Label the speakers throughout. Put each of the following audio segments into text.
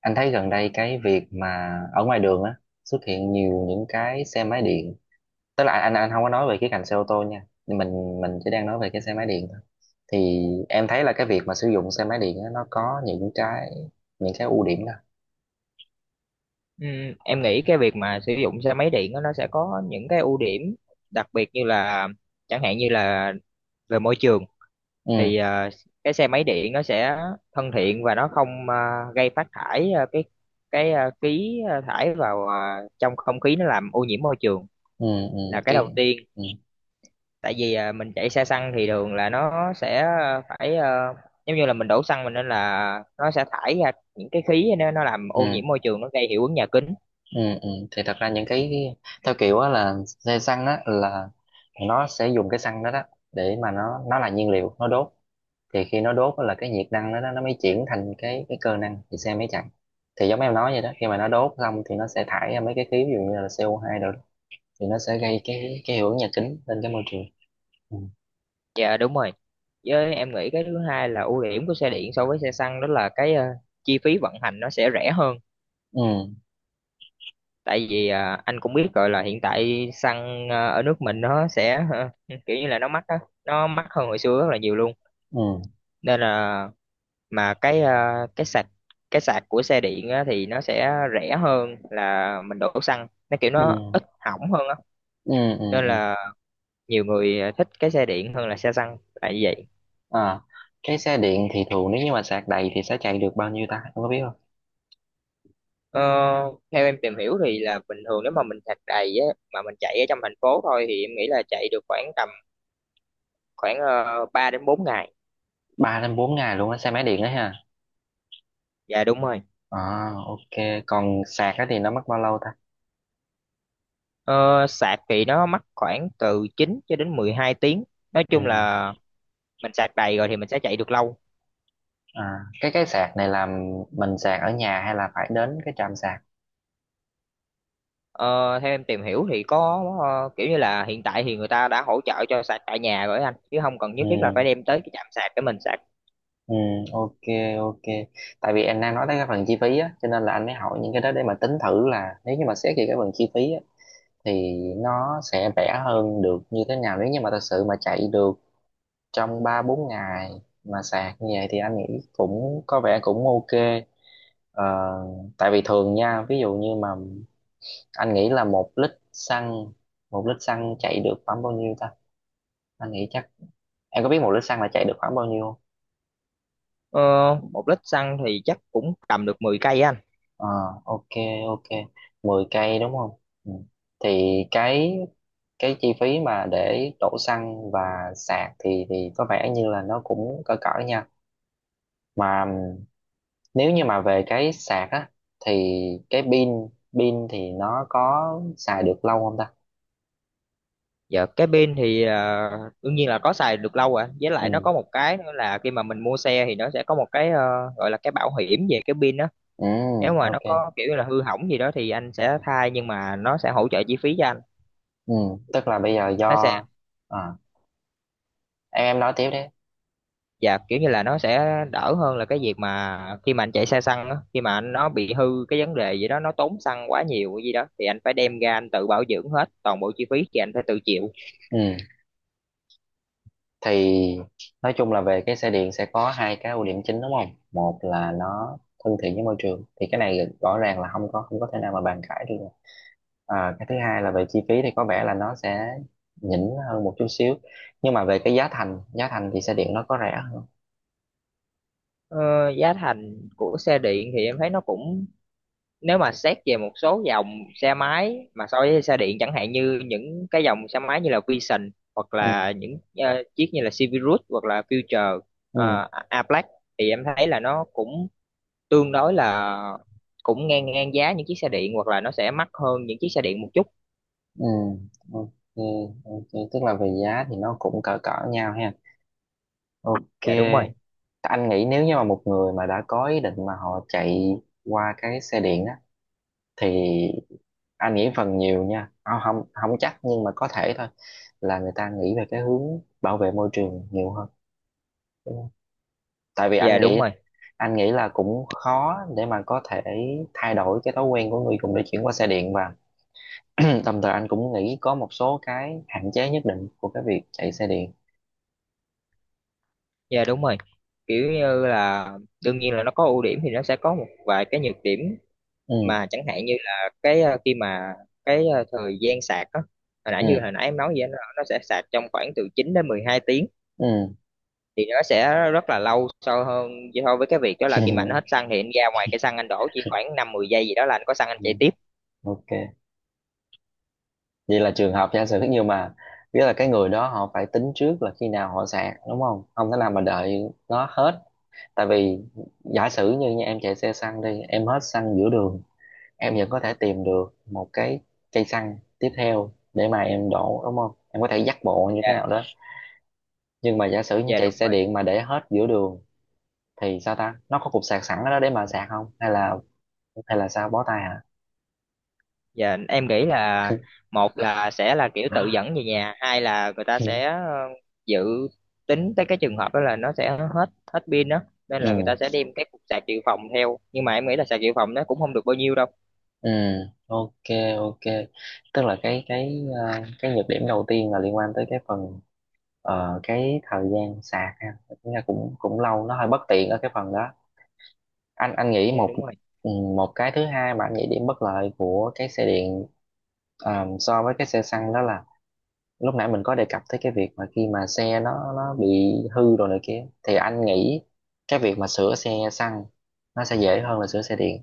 Speaker 1: Anh thấy gần đây cái việc mà ở ngoài đường á xuất hiện nhiều những cái xe máy điện. Tức là anh không có nói về cái cạnh xe ô tô nha. Nhưng mình chỉ đang nói về cái xe máy điện thôi. Thì em thấy là cái việc mà sử dụng xe máy điện á nó có những cái ưu điểm đó.
Speaker 2: Ừ, em nghĩ cái việc mà sử dụng xe máy điện á, nó sẽ có những cái ưu điểm đặc biệt như là chẳng hạn như là về môi trường
Speaker 1: Ừ.
Speaker 2: thì cái xe máy điện nó sẽ thân thiện và nó không gây phát thải cái khí thải vào trong không khí nó làm ô nhiễm môi trường
Speaker 1: Ừ. Ừ.
Speaker 2: là cái đầu
Speaker 1: cái
Speaker 2: tiên.
Speaker 1: ừ.
Speaker 2: Tại vì mình chạy xe xăng thì thường là nó sẽ phải giống như là mình đổ xăng mình, nên là nó sẽ thải ra những cái khí, nó làm ô
Speaker 1: Ừ.
Speaker 2: nhiễm môi trường, nó gây hiệu ứng nhà kính.
Speaker 1: Ừ, ừ. Thì thật ra những cái theo kiểu á là xe xăng á là nó sẽ dùng cái xăng đó đó để mà nó là nhiên liệu nó đốt. Thì khi nó đốt á là cái nhiệt năng đó, nó mới chuyển thành cái cơ năng thì xe mới chạy. Thì giống em nói vậy đó, khi mà nó đốt xong thì nó sẽ thải ra mấy cái khí, ví dụ như là CO2 rồi thì nó sẽ gây cái hiệu ứng nhà kính lên cái môi trường. Ừ.
Speaker 2: Dạ đúng rồi. Với em nghĩ cái thứ hai là ưu điểm của xe điện so với xe xăng đó là cái chi phí vận hành nó sẽ rẻ hơn.
Speaker 1: Ừ.
Speaker 2: Tại vì anh cũng biết rồi là hiện tại xăng ở nước mình nó sẽ kiểu như là nó mắc á, nó mắc hơn hồi xưa rất là nhiều luôn.
Speaker 1: Ừ.
Speaker 2: Nên là mà cái ờ, Cái sạc của xe điện á, thì nó sẽ rẻ hơn là mình đổ xăng. Nó kiểu
Speaker 1: Ừ.
Speaker 2: nó ít hỏng hơn á.
Speaker 1: Ừ. Ừ.
Speaker 2: Nên
Speaker 1: Ừ.
Speaker 2: là nhiều người thích cái xe điện hơn là xe xăng. Tại vì vậy.
Speaker 1: À, cái xe điện thì thường nếu như mà sạc đầy thì sẽ chạy được bao nhiêu ta, em có biết không?
Speaker 2: Ờ, theo em tìm hiểu thì là bình thường nếu mà mình sạc đầy á mà mình chạy ở trong thành phố thôi thì em nghĩ là chạy được khoảng tầm khoảng 3 đến 4 ngày.
Speaker 1: 3 đến 4 ngày luôn á, xe máy điện đó ha?
Speaker 2: Dạ đúng rồi.
Speaker 1: À, ok, còn sạc á thì nó mất bao lâu ta?
Speaker 2: Ờ, sạc thì nó mất khoảng từ 9 cho đến 12 tiếng. Nói
Speaker 1: Ừ.
Speaker 2: chung là mình sạc đầy rồi thì mình sẽ chạy được lâu.
Speaker 1: À, cái sạc này là mình sạc ở nhà hay là phải đến cái trạm sạc?
Speaker 2: Ờ, theo em tìm hiểu thì có kiểu như là hiện tại thì người ta đã hỗ trợ cho sạc tại nhà rồi á anh, chứ không cần
Speaker 1: Ừ.
Speaker 2: nhất thiết là phải đem tới cái trạm sạc để mình sạc.
Speaker 1: Ừ, ok. Ok, tại vì em đang nói tới cái phần chi phí á cho nên là anh mới hỏi những cái đó để mà tính thử là nếu như mà xét về cái phần chi phí á thì nó sẽ rẻ hơn được như thế nào. Nếu như mà thật sự mà chạy được trong ba bốn ngày mà sạc như vậy thì anh nghĩ cũng có vẻ cũng ok. ờ, Tại vì thường nha, ví dụ như mà anh nghĩ là một lít xăng chạy được khoảng bao nhiêu ta? Anh nghĩ chắc em có biết 1 lít xăng là chạy được khoảng bao nhiêu.
Speaker 2: Ờ, một lít xăng thì chắc cũng tầm được 10 cây á anh.
Speaker 1: Ờ, ok, ok, 10 cây đúng không? Ừ. Thì cái chi phí mà để đổ xăng và sạc thì có vẻ như là nó cũng cỡ cỡ nha. Mà nếu như mà về cái sạc á thì cái pin pin thì nó có xài được lâu không ta?
Speaker 2: Dạ cái pin thì đương nhiên là có xài được lâu rồi, với lại nó
Speaker 1: Ừ.
Speaker 2: có một cái nữa là khi mà mình mua xe thì nó sẽ có một cái gọi là cái bảo hiểm về cái pin đó,
Speaker 1: Ừ.
Speaker 2: nếu mà nó
Speaker 1: Ok.
Speaker 2: có kiểu như là hư hỏng gì đó thì anh sẽ thay, nhưng mà nó sẽ hỗ trợ chi phí cho anh.
Speaker 1: Ừ. Tức là bây giờ
Speaker 2: Nó sẽ
Speaker 1: à, em nói tiếp đi.
Speaker 2: Dạ, kiểu như là nó sẽ đỡ hơn là cái việc mà khi mà anh chạy xe xăng đó, khi mà anh nó bị hư cái vấn đề gì đó, nó tốn xăng quá nhiều gì đó thì anh phải đem ra anh tự bảo dưỡng, hết toàn bộ chi phí thì anh phải tự chịu.
Speaker 1: Ừ. Thì nói chung là về cái xe điện sẽ có hai cái ưu điểm chính đúng không? Một là nó thân thiện với môi trường thì cái này rõ ràng là không có thể nào mà bàn cãi được. À, cái thứ hai là về chi phí thì có vẻ là nó sẽ nhỉnh hơn một chút xíu. Nhưng mà về cái giá thành thì xe điện nó có rẻ hơn.
Speaker 2: Ờ, giá thành của xe điện thì em thấy nó cũng, nếu mà xét về một số dòng xe máy mà so với xe điện, chẳng hạn như những cái dòng xe máy như là Vision, hoặc là
Speaker 1: Ừ.
Speaker 2: những chiếc như là Civic, hoặc là Future,
Speaker 1: Ừ.
Speaker 2: A Black, thì em thấy là nó cũng tương đối là cũng ngang ngang giá những chiếc xe điện, hoặc là nó sẽ mắc hơn những chiếc xe điện một chút.
Speaker 1: Ừ. Ok. Ok, tức là về giá thì nó cũng cỡ cỡ nhau ha? Ok.
Speaker 2: Dạ đúng rồi.
Speaker 1: Anh nghĩ nếu như mà một người mà đã có ý định mà họ chạy qua cái xe điện á thì anh nghĩ phần nhiều nha, không không không chắc nhưng mà có thể thôi, là người ta nghĩ về cái hướng bảo vệ môi trường nhiều hơn đúng không? Tại vì anh
Speaker 2: Dạ đúng
Speaker 1: nghĩ
Speaker 2: rồi.
Speaker 1: là cũng khó để mà có thể thay đổi cái thói quen của người dùng để chuyển qua xe điện. Và đồng thời anh cũng nghĩ có một số cái hạn chế nhất định của cái việc chạy xe điện.
Speaker 2: Dạ đúng rồi, kiểu như là đương nhiên là nó có ưu điểm thì nó sẽ có một vài cái nhược điểm,
Speaker 1: Ừ.
Speaker 2: mà chẳng hạn như là cái khi mà thời gian sạc á,
Speaker 1: Ừ.
Speaker 2: hồi nãy em nói vậy, nó sẽ sạc trong khoảng từ 9 đến 12 tiếng,
Speaker 1: Ừ.
Speaker 2: thì nó sẽ rất là lâu so hơn, so với cái việc đó là khi mà anh hết xăng thì anh ra ngoài cái xăng anh đổ chỉ khoảng 5 10 giây gì đó là anh có xăng anh
Speaker 1: Ừ,
Speaker 2: chạy tiếp.
Speaker 1: ok. Vậy là trường hợp giả sử nhưng mà nghĩa là cái người đó họ phải tính trước là khi nào họ sạc đúng không? Không thể nào mà đợi nó hết. Tại vì giả sử như nha, em chạy xe xăng đi, em hết xăng giữa đường, em vẫn có thể tìm được một cái cây xăng tiếp theo để mà em đổ đúng không, em có thể dắt bộ như thế
Speaker 2: Dạ.
Speaker 1: nào đó. Nhưng mà giả sử như
Speaker 2: Dạ
Speaker 1: chạy
Speaker 2: đúng
Speaker 1: xe
Speaker 2: rồi.
Speaker 1: điện mà để hết giữa đường thì sao ta, nó có cục sạc sẵn ở đó để mà sạc không, hay là sao, bó tay hả?
Speaker 2: Dạ em nghĩ là, một là sẽ là kiểu tự dẫn về nhà, hai là người ta sẽ dự tính tới cái trường hợp đó là nó sẽ hết, hết pin đó, nên
Speaker 1: Ừ.
Speaker 2: là người ta sẽ đem cái cục sạc dự phòng theo, nhưng mà em nghĩ là sạc dự phòng nó cũng không được bao nhiêu đâu.
Speaker 1: Ừ. Ok. Ok, tức là cái nhược điểm đầu tiên là liên quan tới cái phần cái thời gian sạc ha. Tính ra cũng cũng lâu, nó hơi bất tiện ở cái phần đó. anh anh nghĩ
Speaker 2: Dạ
Speaker 1: một
Speaker 2: đúng rồi.
Speaker 1: ừ, một cái thứ hai mà anh nghĩ điểm bất lợi của cái xe điện so với cái xe xăng đó là lúc nãy mình có đề cập tới cái việc mà khi mà xe nó bị hư rồi này kia thì anh nghĩ cái việc mà sửa xe xăng nó sẽ dễ hơn là sửa xe điện.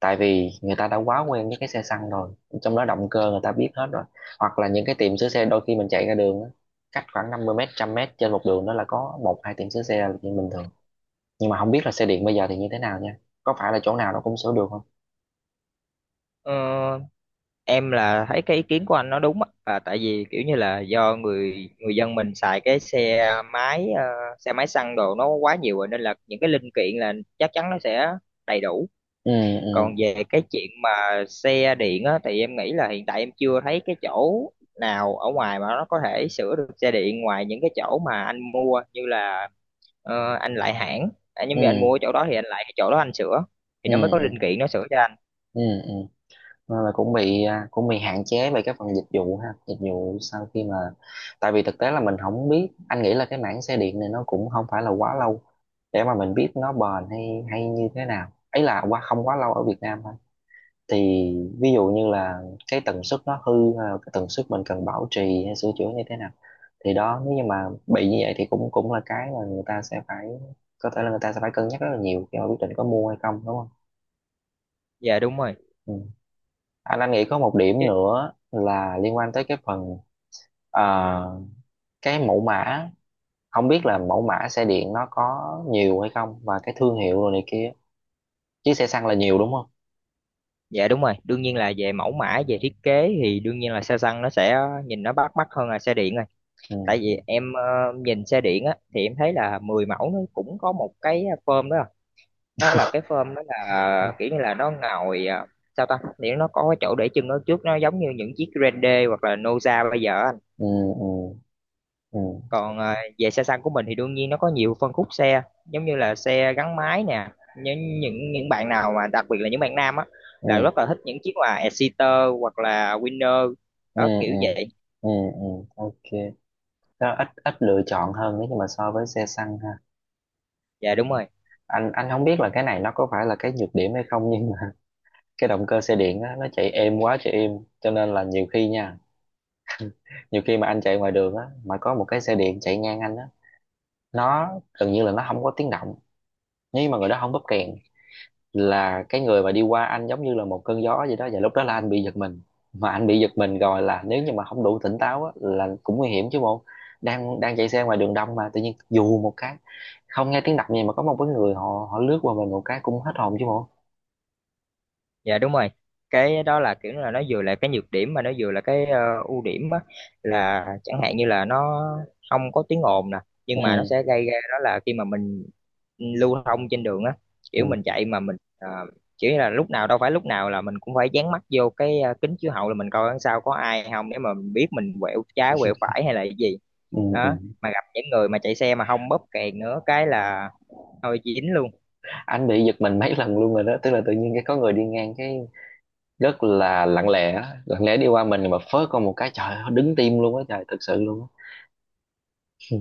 Speaker 1: Tại vì người ta đã quá quen với cái xe xăng rồi, trong đó động cơ người ta biết hết rồi. Hoặc là những cái tiệm sửa xe, đôi khi mình chạy ra đường á, cách khoảng 50 mét 100 mét trên một đường đó là có một hai tiệm sửa xe là chuyện bình thường. Nhưng mà không biết là xe điện bây giờ thì như thế nào nha, có phải là chỗ nào nó cũng sửa được không?
Speaker 2: Ờ, em là thấy cái ý kiến của anh nó đúng á, tại vì kiểu như là do người người dân mình xài cái xe máy xe máy xăng đồ nó quá nhiều rồi, nên là những cái linh kiện là chắc chắn nó sẽ đầy đủ.
Speaker 1: Ừ. Ừ.
Speaker 2: Còn về cái chuyện mà xe điện á thì em nghĩ là hiện tại em chưa thấy cái chỗ nào ở ngoài mà nó có thể sửa được xe điện, ngoài những cái chỗ mà anh mua, như là anh lại hãng. À, nhưng
Speaker 1: Ừ.
Speaker 2: mà anh mua ở chỗ đó thì anh lại chỗ đó anh sửa, thì
Speaker 1: Ừ.
Speaker 2: nó mới có
Speaker 1: Ừ.
Speaker 2: linh kiện nó sửa cho anh.
Speaker 1: Ừ, ừ. Nên là cũng bị hạn chế về cái phần dịch vụ ha, dịch vụ sau khi mà. Tại vì thực tế là mình không biết, anh nghĩ là cái mảng xe điện này nó cũng không phải là quá lâu để mà mình biết nó bền hay hay như thế nào ấy, là qua không quá lâu ở Việt Nam thôi. Thì ví dụ như là cái tần suất nó hư hay là cái tần suất mình cần bảo trì hay sửa chữa như thế nào. Thì đó, nếu như mà bị như vậy thì cũng cũng là cái mà người ta sẽ phải, có thể là người ta sẽ phải cân nhắc rất là nhiều khi mà quyết định có mua hay không đúng không?
Speaker 2: Dạ đúng rồi.
Speaker 1: Ừ. anh nghĩ có một điểm nữa là liên quan tới cái phần ờ, cái mẫu mã. Không biết là mẫu mã xe điện nó có nhiều hay không và cái thương hiệu rồi này kia, chứ xe xăng là nhiều đúng không?
Speaker 2: Dạ đúng rồi, đương nhiên là về mẫu mã, về thiết kế thì đương nhiên là xe xăng nó sẽ nhìn nó bắt mắt hơn là xe điện rồi.
Speaker 1: Ừ.
Speaker 2: Tại vì em, nhìn xe điện á thì em thấy là 10 mẫu nó cũng có một cái phơm đó. Đó là cái phơm đó là kiểu như là nó ngồi sao ta, thì nó có cái chỗ để chân ở trước nó giống như những chiếc Grande, hoặc là Noza bây giờ á.
Speaker 1: Ừ. Ừ. Ừ.
Speaker 2: Còn về xe xăng của mình thì đương nhiên nó có nhiều phân khúc xe, giống như là xe gắn máy nè, những bạn nào mà đặc biệt là những bạn nam á
Speaker 1: Ừ.
Speaker 2: là rất là thích những chiếc là Exciter hoặc là Winner,
Speaker 1: Ừ.
Speaker 2: đó kiểu
Speaker 1: Ừ.
Speaker 2: vậy.
Speaker 1: Ừ. Ừ. Ừ, ok. Nó ít ít lựa chọn hơn nếu như mà so với xe xăng ha.
Speaker 2: Dạ đúng rồi.
Speaker 1: Anh không biết là cái này nó có phải là cái nhược điểm hay không, nhưng mà cái động cơ xe điện á, nó chạy êm quá, chạy êm. Cho nên là nhiều khi mà anh chạy ngoài đường á mà có một cái xe điện chạy ngang anh á, nó gần như là nó không có tiếng động. Nhưng mà người đó không bóp kèn, là cái người mà đi qua anh giống như là một cơn gió vậy đó, và lúc đó là anh bị giật mình. Mà anh bị giật mình rồi là nếu như mà không đủ tỉnh táo á, là cũng nguy hiểm chứ bộ. Đang đang chạy xe ngoài đường đông mà tự nhiên dù một cái không nghe tiếng động gì mà có một cái người họ họ lướt qua mình một cái, cũng hết hồn chứ bộ.
Speaker 2: Dạ đúng rồi. Cái đó là kiểu là nó vừa là cái nhược điểm mà nó vừa là cái ưu điểm á, là chẳng hạn như là nó không có tiếng ồn nè,
Speaker 1: Ừ,
Speaker 2: nhưng mà nó sẽ gây ra đó là khi mà mình lưu thông trên đường á, kiểu
Speaker 1: ừ,
Speaker 2: mình chạy mà mình kiểu như là, lúc nào đâu phải lúc nào là mình cũng phải dán mắt vô cái kính chiếu hậu là mình coi đằng sau có ai không để mà mình biết mình quẹo trái quẹo phải hay là cái gì.
Speaker 1: ừ, ừ.
Speaker 2: Đó, mà gặp những người mà chạy xe mà không bóp kèn nữa cái là thôi dính luôn.
Speaker 1: Anh bị giật mình mấy lần luôn rồi đó, tức là tự nhiên cái có người đi ngang cái, rất là lặng lẽ, lặng lẽ đi qua mình mà phớt con một cái, trời ơi, đứng tim luôn á trời, thực sự luôn á. Ừ.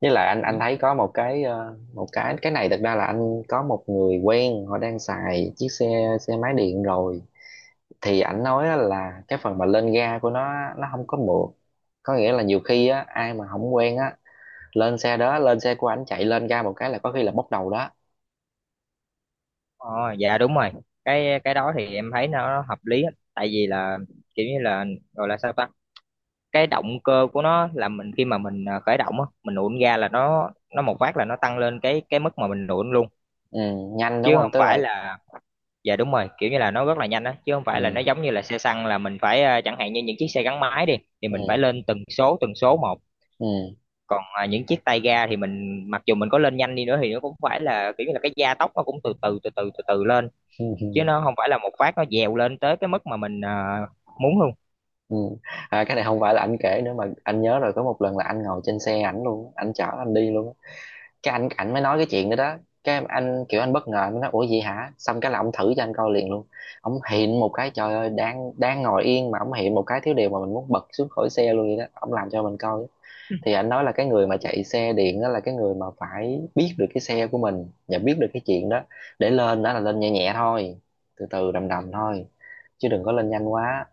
Speaker 1: Với lại anh thấy có một cái ờ, một cái này, thật ra là anh có một người quen họ đang xài chiếc xe xe máy điện rồi. Thì ảnh nói á là cái phần mà lên ga của nó không có mượt. Có nghĩa là nhiều khi á ai mà không quen á, lên xe của ảnh chạy, lên ga một cái là có khi là bốc đầu đó.
Speaker 2: Ờ, dạ đúng rồi, cái đó thì em thấy nó hợp lý á. Tại vì là kiểu như là, gọi là sao ta, cái động cơ của nó là mình, khi mà mình khởi động á, mình nổ ga là nó một phát là nó tăng lên cái mức mà mình nổ luôn,
Speaker 1: Ừ, nhanh đúng
Speaker 2: chứ
Speaker 1: không,
Speaker 2: không
Speaker 1: tức
Speaker 2: phải
Speaker 1: là
Speaker 2: là. Dạ đúng rồi, kiểu như là nó rất là nhanh á, chứ không phải là nó
Speaker 1: ừ,
Speaker 2: giống như là xe xăng là mình phải, chẳng hạn như những chiếc xe gắn máy đi thì
Speaker 1: ừ,
Speaker 2: mình phải lên từng số một. Còn những chiếc tay ga thì mình mặc dù mình có lên nhanh đi nữa thì nó cũng phải là kiểu như là cái gia tốc nó cũng từ từ từ từ từ từ lên,
Speaker 1: ừ.
Speaker 2: chứ nó không phải là một phát nó dèo lên tới cái mức mà mình muốn luôn.
Speaker 1: Ừ. À, cái này không phải là anh kể nữa mà anh nhớ rồi, có một lần là anh ngồi trên xe ảnh luôn, anh chở anh đi luôn. Cái anh ảnh mới nói cái chuyện đó đó. Anh kiểu anh bất ngờ, anh mới nói ủa gì hả, xong cái là ông thử cho anh coi liền luôn. Ông hiện một cái, trời ơi, đang đang ngồi yên mà ông hiện một cái thiếu điều mà mình muốn bật xuống khỏi xe luôn vậy đó, ông làm cho mình coi. Thì anh nói là cái người mà chạy xe điện đó là cái người mà phải biết được cái xe của mình và biết được cái chuyện đó, để lên đó là lên nhẹ nhẹ thôi, từ từ đầm đầm thôi, chứ đừng có lên nhanh quá.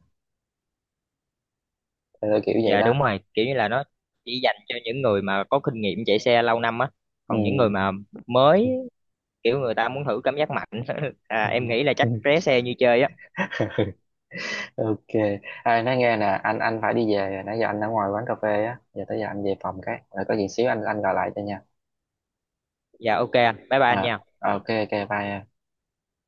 Speaker 1: Ờ, Kiểu vậy
Speaker 2: Dạ
Speaker 1: đó.
Speaker 2: đúng rồi, kiểu như là nó chỉ dành cho những người mà có kinh nghiệm chạy xe lâu năm á,
Speaker 1: Ừ.
Speaker 2: còn những người mà mới,
Speaker 1: Ừ.
Speaker 2: kiểu người ta muốn thử cảm giác mạnh em nghĩ là chắc
Speaker 1: Ừ.
Speaker 2: ré xe như chơi á.
Speaker 1: Ok. À, nói nghe nè, anh phải đi về rồi. Nãy giờ anh ở ngoài quán cà phê á, giờ tới giờ anh về phòng cái rồi có gì xíu anh gọi lại cho nha.
Speaker 2: Dạ ok anh, bye bye anh
Speaker 1: À,
Speaker 2: nha.
Speaker 1: ok, ok, bye.